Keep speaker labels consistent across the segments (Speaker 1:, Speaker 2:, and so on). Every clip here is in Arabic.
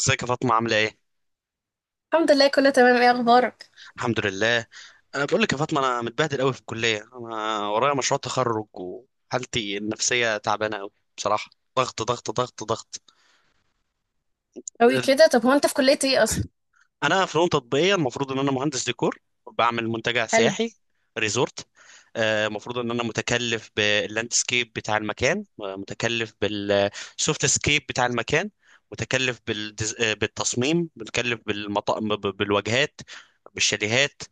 Speaker 1: ازيك يا فاطمة، عاملة ايه؟
Speaker 2: الحمد لله، كله تمام. ايه اخبارك؟
Speaker 1: الحمد لله. انا بقول لك يا فاطمة، انا متبهدل قوي في الكلية، انا ورايا مشروع تخرج وحالتي النفسية تعبانة قوي، بصراحة. ضغط ضغط ضغط ضغط.
Speaker 2: قوي كده؟ طب هو انت في كلية ايه اصلا؟
Speaker 1: انا فنون تطبيقيه، المفروض ان انا مهندس ديكور. بعمل منتجع
Speaker 2: حلو.
Speaker 1: سياحي، ريزورت. المفروض ان انا متكلف باللاندسكيب بتاع المكان، متكلف بالسوفت سكيب بتاع المكان. متكلف بالدز... آه، بالتصميم، متكلف بالواجهات، بالشاليهات.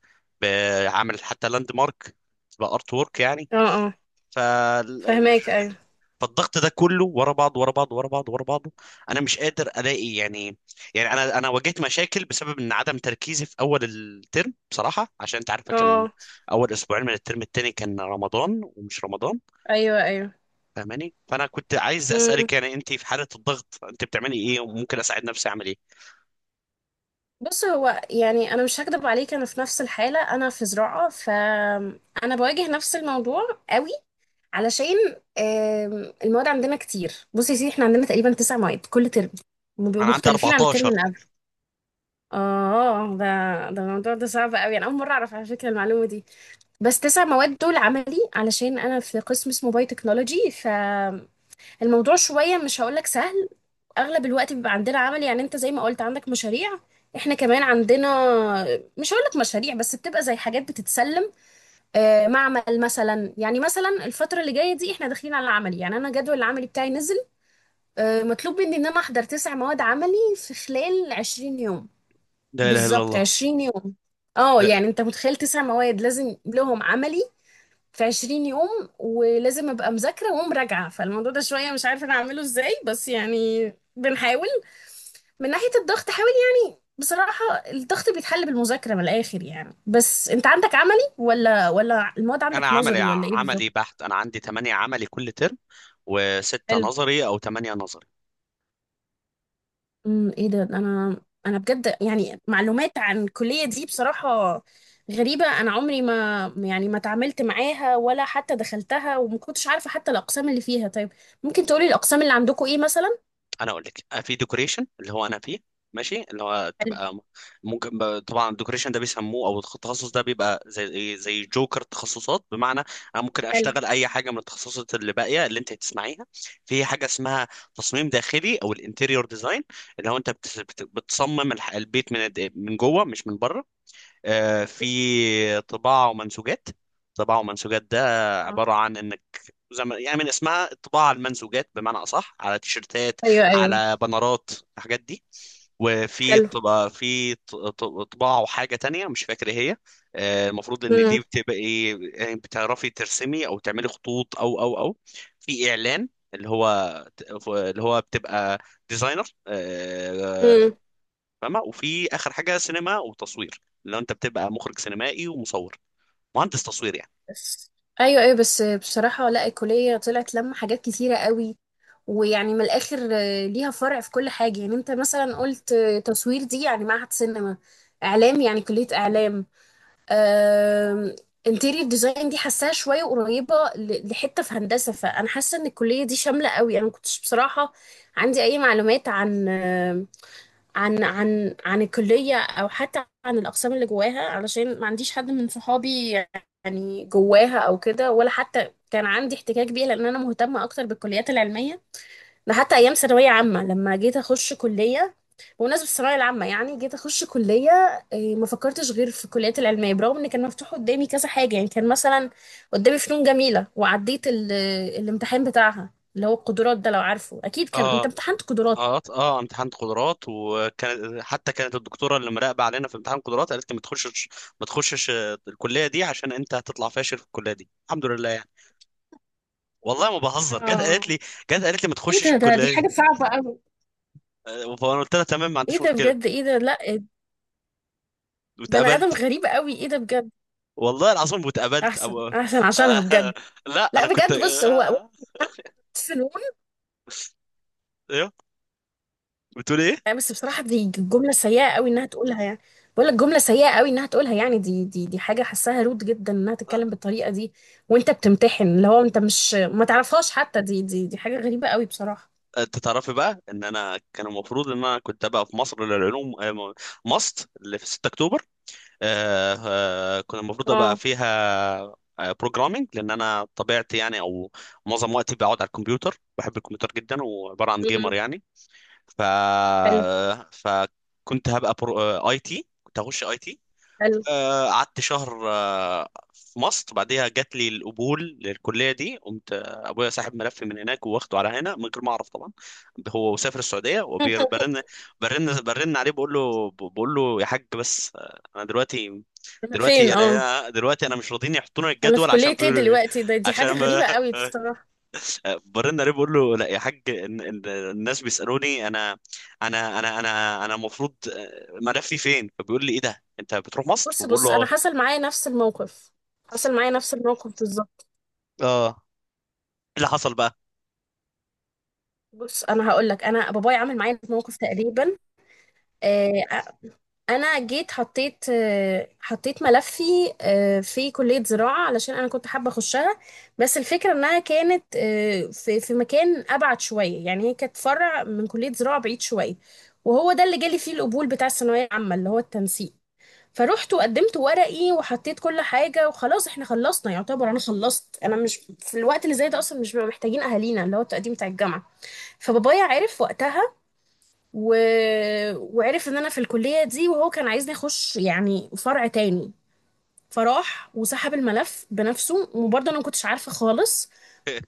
Speaker 1: بعمل حتى لاند مارك، بارت وورك
Speaker 2: اه، اه.
Speaker 1: يعني.
Speaker 2: فهماك، ايوه.
Speaker 1: فالضغط ده كله ورا بعض ورا بعض ورا بعض ورا بعضه. انا مش قادر الاقي يعني. يعني انا واجهت مشاكل بسبب ان عدم تركيزي في اول الترم بصراحه، عشان انت عارفه كان
Speaker 2: اه.
Speaker 1: اول اسبوعين من الترم التاني كان رمضان ومش رمضان،
Speaker 2: ايوه، ايوه.
Speaker 1: فاهماني. فانا كنت عايز
Speaker 2: مم.
Speaker 1: اسالك، يعني انت في حاله الضغط انت بتعملي ايه؟ وممكن اساعد نفسي اعمل ايه؟
Speaker 2: بص، هو يعني انا مش هكدب عليك، انا في نفس الحالة. انا في زراعة، فانا بواجه نفس الموضوع قوي، علشان المواد عندنا كتير. بص يا سيدي، احنا عندنا تقريبا تسع مواد كل ترم، وبيبقوا
Speaker 1: انا عندي
Speaker 2: مختلفين عن الترم
Speaker 1: 14.
Speaker 2: اللي قبله. اه، ده الموضوع ده صعب قوي، انا اول مرة اعرف، على فكرة، المعلومة دي. بس تسع مواد دول عملي، علشان انا في قسم اسمه باي تكنولوجي، فالموضوع شويه مش هقولك سهل. اغلب الوقت بيبقى عندنا عملي، يعني انت زي ما قلت عندك مشاريع، احنا كمان عندنا، مش هقولك مشاريع بس بتبقى زي حاجات بتتسلم. معمل مثلا، يعني مثلا الفتره اللي جايه دي احنا داخلين على العملي، يعني انا جدول العملي بتاعي نزل. مطلوب مني ان انا احضر تسع مواد عملي في خلال 20 يوم.
Speaker 1: لا اله الا
Speaker 2: بالظبط
Speaker 1: الله.
Speaker 2: 20 يوم. اه
Speaker 1: لا،
Speaker 2: يعني انت متخيل تسع مواد لازم لهم عملي في 20 يوم؟ ولازم ابقى مذاكره ومراجعه، فالموضوع ده شويه مش عارفه انا اعمله ازاي، بس يعني بنحاول. من ناحيه الضغط حاول، يعني بصراحه الضغط بيتحل بالمذاكره من الاخر، يعني بس انت عندك عملي ولا المواد
Speaker 1: انا
Speaker 2: عندك
Speaker 1: عملي،
Speaker 2: نظري، ولا ايه بالظبط؟
Speaker 1: عملي بحت، انا عندي 8 عملي كل ترم، وستة
Speaker 2: حلو.
Speaker 1: نظري او 8 نظري.
Speaker 2: ايه ده، انا انا بجد يعني معلومات عن الكليه دي بصراحه غريبه، انا عمري ما، يعني ما تعاملت معاها ولا حتى دخلتها، وما كنتش عارفه حتى الاقسام اللي فيها. طيب، ممكن تقولي الاقسام اللي عندكم ايه مثلا؟
Speaker 1: انا اقول لك، في ديكوريشن اللي هو انا فيه، ماشي، اللي هو
Speaker 2: حلو.
Speaker 1: تبقى م- ممكن طبعا الديكوريشن ده بيسموه او التخصص ده بيبقى زي زي جوكر تخصصات، بمعنى انا ممكن
Speaker 2: حلو.
Speaker 1: اشتغل اي حاجه من التخصصات اللي باقيه اللي انت هتسمعيها. في حاجه اسمها تصميم داخلي او الانتيريور ديزاين، اللي هو انت بتصمم البيت من جوه مش من بره. في طباعة ومنسوجات. طباعة ومنسوجات ده عبارة عن انك زي ما يعني من اسمها الطباعة على المنسوجات، بمعنى اصح على تيشرتات،
Speaker 2: ايوه، ايوه.
Speaker 1: على بنرات، الحاجات دي. وفي
Speaker 2: حلو.
Speaker 1: طبعا في طباعة وحاجة تانية مش فاكر ايه هي. المفروض ان
Speaker 2: امم.
Speaker 1: دي بتبقى ايه، يعني بتعرفي ترسمي او تعملي خطوط او. في اعلان، اللي هو بتبقى ديزاينر،
Speaker 2: امم.
Speaker 1: فاهمة. وفي آخر حاجة سينما وتصوير، اللي هو أنت بتبقى مخرج سينمائي ومصور، مهندس تصوير يعني.
Speaker 2: بس. ايوه ايوه، بس بصراحه لا، الكليه طلعت لما حاجات كتيره قوي. ويعني من الاخر ليها فرع في كل حاجه، يعني انت مثلا قلت تصوير دي يعني معهد سينما، اعلام يعني كليه اعلام. آم، انتيريور ديزاين دي حاساها شويه قريبه لحته في هندسه، فانا حاسه ان الكليه دي شامله قوي. انا ما كنتش بصراحه عندي اي معلومات عن الكلية، أو حتى عن الأقسام اللي جواها، علشان ما عنديش حد من صحابي يعني جواها أو كده، ولا حتى كان عندي احتكاك بيها، لأن أنا مهتمة أكتر بالكليات العلمية. ده حتى أيام ثانوية عامة، لما جيت أخش كلية بمناسبة الثانوية العامة، يعني جيت أخش كلية، ما فكرتش غير في الكليات العلمية، برغم إن كان مفتوح قدامي كذا حاجة. يعني كان مثلا قدامي فنون جميلة، وعديت الامتحان بتاعها اللي هو القدرات ده، لو عارفه أكيد كان أنت
Speaker 1: اه
Speaker 2: امتحنت قدرات.
Speaker 1: اه اه، امتحان قدرات وكانت، حتى كانت الدكتوره اللي مراقبه علينا في امتحان قدرات، قالت لي ما تخشش، ما تخشش الكليه دي، عشان انت هتطلع فاشل في الكليه دي، الحمد لله يعني. والله ما بهزر،
Speaker 2: اه.
Speaker 1: جت قالت لي ما
Speaker 2: ايه
Speaker 1: تخشش
Speaker 2: ده، دي
Speaker 1: الكليه دي.
Speaker 2: حاجة صعبة قوي.
Speaker 1: فانا قلت لها تمام، ما
Speaker 2: ايه
Speaker 1: عنديش
Speaker 2: ده
Speaker 1: مشكله،
Speaker 2: بجد، ايه ده، لا، بني ادم
Speaker 1: واتقبلت.
Speaker 2: غريب قوي، ايه ده بجد.
Speaker 1: والله العظيم واتقبلت
Speaker 2: احسن احسن عشانها
Speaker 1: آه
Speaker 2: بجد.
Speaker 1: لا
Speaker 2: لا
Speaker 1: انا كنت
Speaker 2: بجد، بص هو
Speaker 1: آه، آه،
Speaker 2: فنون.
Speaker 1: ايوه. بتقول ايه؟
Speaker 2: يعني، بس بصراحة دي جملة سيئة قوي انها تقولها، يعني بقول لك جملة سيئة قوي انها تقولها، يعني دي حاجة حاساها رود جدا انها تتكلم بالطريقة دي، وانت بتمتحن، اللي هو انت مش ما تعرفهاش حتى، دي حاجة غريبة قوي بصراحة.
Speaker 1: انت تعرفي بقى ان انا كان المفروض ان انا كنت ابقى في مصر للعلوم، ماست اللي في 6 اكتوبر. آه، كنت المفروض ابقى
Speaker 2: اه.
Speaker 1: فيها بروجرامينج، لان انا طبيعتي يعني، او معظم وقتي بقعد على الكمبيوتر، بحب الكمبيوتر جدا، وعباره عن جيمر
Speaker 2: أمم.
Speaker 1: يعني. ف
Speaker 2: حلو.
Speaker 1: آه، فكنت هبقى اي تي، كنت هخش اي تي.
Speaker 2: حلو.
Speaker 1: قعدت شهر في مصر، بعدها جات لي القبول للكليه دي. قمت ابويا ساحب ملفي من هناك واخده على هنا من غير ما اعرف طبعا. هو سافر السعوديه وبرن برن برن عليه، بقول له يا حاج، بس انا دلوقتي،
Speaker 2: أنا فين؟ اه.
Speaker 1: دلوقتي انا مش راضيين يحطونا
Speaker 2: انا في
Speaker 1: الجدول، عشان
Speaker 2: كلية ايه
Speaker 1: بيقولوا ايه،
Speaker 2: دلوقتي؟ دي
Speaker 1: عشان
Speaker 2: حاجة
Speaker 1: ما-
Speaker 2: غريبة قوي بصراحة.
Speaker 1: برن عليه بقول له لا يا حاج، الناس بيسالوني انا المفروض ملفي فين، فبيقول لي ايه ده، انت بتروح مصر؟
Speaker 2: بص
Speaker 1: بقول له
Speaker 2: بص، انا
Speaker 1: اه.
Speaker 2: حصل معايا نفس الموقف، حصل معايا نفس الموقف بالظبط.
Speaker 1: اه، ايه اللي حصل بقى؟
Speaker 2: بص انا هقول لك، انا بابايا عمل معايا موقف تقريبا. آه، انا جيت حطيت ملفي في كلية زراعة، علشان انا كنت حابة اخشها. بس الفكرة انها كانت في مكان ابعد شوية، يعني هي كانت فرع من كلية زراعة بعيد شوية، وهو ده اللي جالي فيه القبول بتاع الثانوية العامة، اللي هو التنسيق. فروحت وقدمت ورقي وحطيت كل حاجة، وخلاص احنا خلصنا يعتبر، انا خلصت. انا مش في الوقت اللي زي ده اصلا مش بيبقى محتاجين اهالينا، اللي هو التقديم بتاع الجامعة. فبابايا عرف وقتها، و... وعرف ان انا في الكلية دي، وهو كان عايزني اخش يعني فرع تاني. فراح وسحب الملف بنفسه، وبرضه انا ما كنتش عارفة خالص.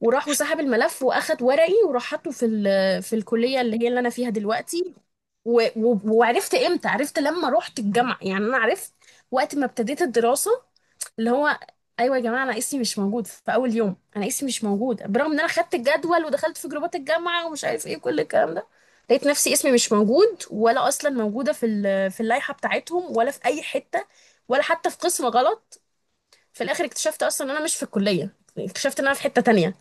Speaker 2: وراح وسحب الملف واخد ورقي وراح حاطه في في الكلية اللي هي اللي انا فيها دلوقتي. وعرفت امتى؟ عرفت لما رحت الجامعة، يعني انا عرفت وقت ما ابتديت الدراسة، اللي هو: ايوه يا جماعه، انا اسمي مش موجود في اول يوم، انا اسمي مش موجود، برغم ان انا خدت الجدول ودخلت في جروبات الجامعه ومش عارف ايه كل الكلام ده. لقيت نفسي اسمي مش موجود، ولا اصلا موجوده في في اللائحه بتاعتهم، ولا في اي حته، ولا حتى في قسم غلط. في الاخر اكتشفت اصلا ان انا مش في الكليه، اكتشفت ان انا في حته تانية.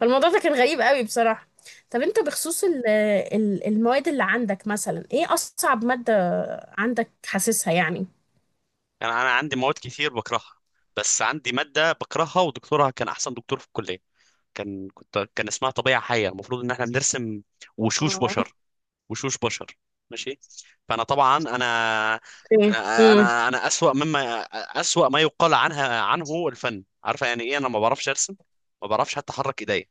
Speaker 2: فالموضوع ده كان غريب قوي بصراحه. طب انت بخصوص المواد اللي عندك، مثلا ايه اصعب ماده عندك حاسسها يعني؟
Speaker 1: يعني انا عندي مواد كتير بكرهها، بس عندي ماده بكرهها ودكتورها كان احسن دكتور في الكليه، كان اسمها طبيعه حيه، المفروض ان احنا بنرسم وشوش
Speaker 2: اه،
Speaker 1: بشر، وشوش بشر، ماشي. فانا طبعا انا
Speaker 2: اوكي،
Speaker 1: انا
Speaker 2: امم.
Speaker 1: انا أنا اسوأ ما يقال عنه الفن، عارفه يعني ايه. انا ما بعرفش ارسم، ما بعرفش حتى احرك ايديا،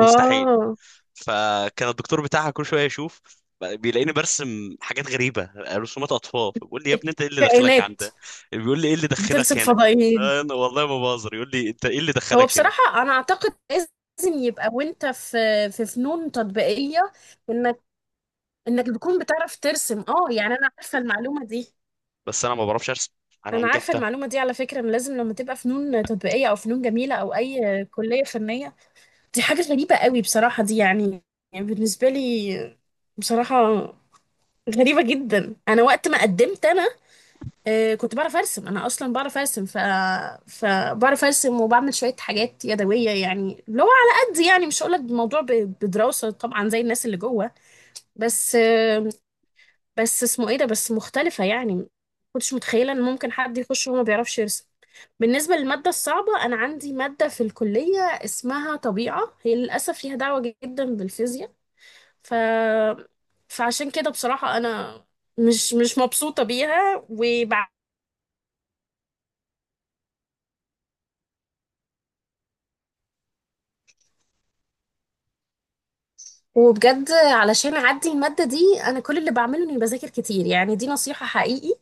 Speaker 1: مستحيل. فكان الدكتور بتاعها كل شويه يشوف، بيلاقيني برسم حاجات غريبه، رسومات اطفال، بيقول لي يا ابني انت ايه اللي دخلك
Speaker 2: كائنات.
Speaker 1: عندها، بيقول لي ايه اللي دخلك
Speaker 2: بترسل
Speaker 1: هنا.
Speaker 2: فضائيين.
Speaker 1: انا والله ما بهزر، يقول لي انت ايه اللي
Speaker 2: هو
Speaker 1: دخلك هنا.
Speaker 2: بصراحة أنا أعتقد لازم يبقى وأنت في فنون تطبيقية، إنك إنك تكون بتعرف ترسم. أه، يعني أنا عارفة المعلومة دي،
Speaker 1: بس انا ما بعرفش ارسم. انا
Speaker 2: أنا عارفة
Speaker 1: نجحت أهو.
Speaker 2: المعلومة دي، على فكرة، إن لازم لما تبقى فنون تطبيقية أو فنون جميلة أو أي كلية فنية. دي حاجة غريبة قوي بصراحة دي، يعني، يعني بالنسبة لي بصراحة غريبة جدا. أنا وقت ما قدمت، أنا آه، كنت بعرف ارسم، انا اصلا بعرف ارسم، فبعرف ارسم وبعمل شويه حاجات يدويه، يعني اللي هو على قد يعني، مش هقولك الموضوع بدراسه طبعا زي الناس اللي جوه. بس بس اسمه ايه ده، بس مختلفه، يعني ما كنتش متخيله ان ممكن حد يخش وهو ما بيعرفش يرسم. بالنسبه للماده الصعبه، انا عندي ماده في الكليه اسمها طبيعه، هي للاسف ليها دعوه جدا بالفيزياء، ف فعشان كده بصراحه انا مش مبسوطه بيها. وبجد علشان اعدي المادة دي، انا كل اللي بعمله اني بذاكر كتير. يعني دي نصيحة حقيقي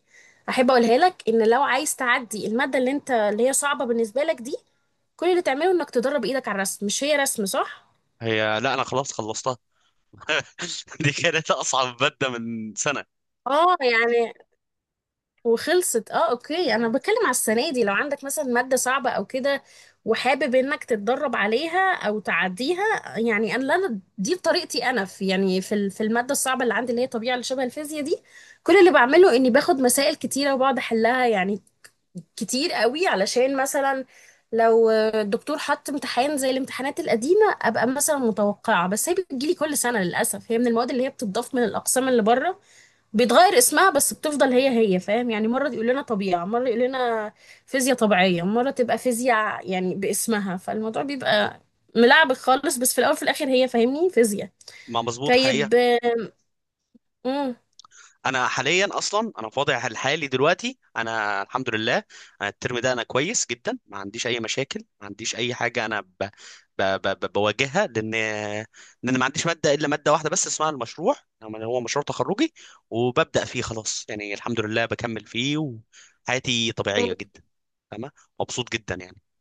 Speaker 2: احب اقولها لك، ان لو عايز تعدي المادة اللي انت، اللي هي صعبة بالنسبة لك دي، كل اللي تعمله انك تدرب ايدك على الرسم. مش هي رسم، صح؟
Speaker 1: هي لا انا خلاص خلصتها دي كانت اصعب ماده من سنه.
Speaker 2: اه يعني، وخلصت. اه، اوكي، انا بتكلم على السنه دي، لو عندك مثلا ماده صعبه او كده وحابب انك تتدرب عليها او تعديها. يعني انا دي بطريقتي انا. في يعني في في الماده الصعبه اللي عندي، اللي هي طبيعه اللي شبه الفيزياء دي، كل اللي بعمله اني باخد مسائل كتيره وبقعد احلها، يعني كتير قوي، علشان مثلا لو الدكتور حط امتحان زي الامتحانات القديمه ابقى مثلا متوقعه. بس هي بتجيلي كل سنه للاسف، هي من المواد اللي هي بتضاف من الاقسام اللي بره، بيتغير اسمها بس بتفضل هي هي، فاهم؟ يعني مرة يقول لنا طبيعة، مرة يقول لنا فيزياء طبيعية، مرة تبقى فيزياء يعني باسمها، فالموضوع بيبقى ملعبك خالص، بس في الأول وفي الآخر هي فاهمني فيزياء.
Speaker 1: ما مظبوط
Speaker 2: طيب.
Speaker 1: حقيقه.
Speaker 2: امم.
Speaker 1: انا حاليا اصلا، انا في وضعي الحالي دلوقتي انا الحمد لله، انا الترم ده انا كويس جدا، ما عنديش اي مشاكل، ما عنديش اي حاجه انا بواجهها، لان ما عنديش ماده الا ماده واحده بس اسمها المشروع، يعني هو مشروع تخرجي، وببدا فيه خلاص، يعني الحمد لله بكمل فيه، وحياتي طبيعيه جدا، فاهمه، مبسوط جدا يعني.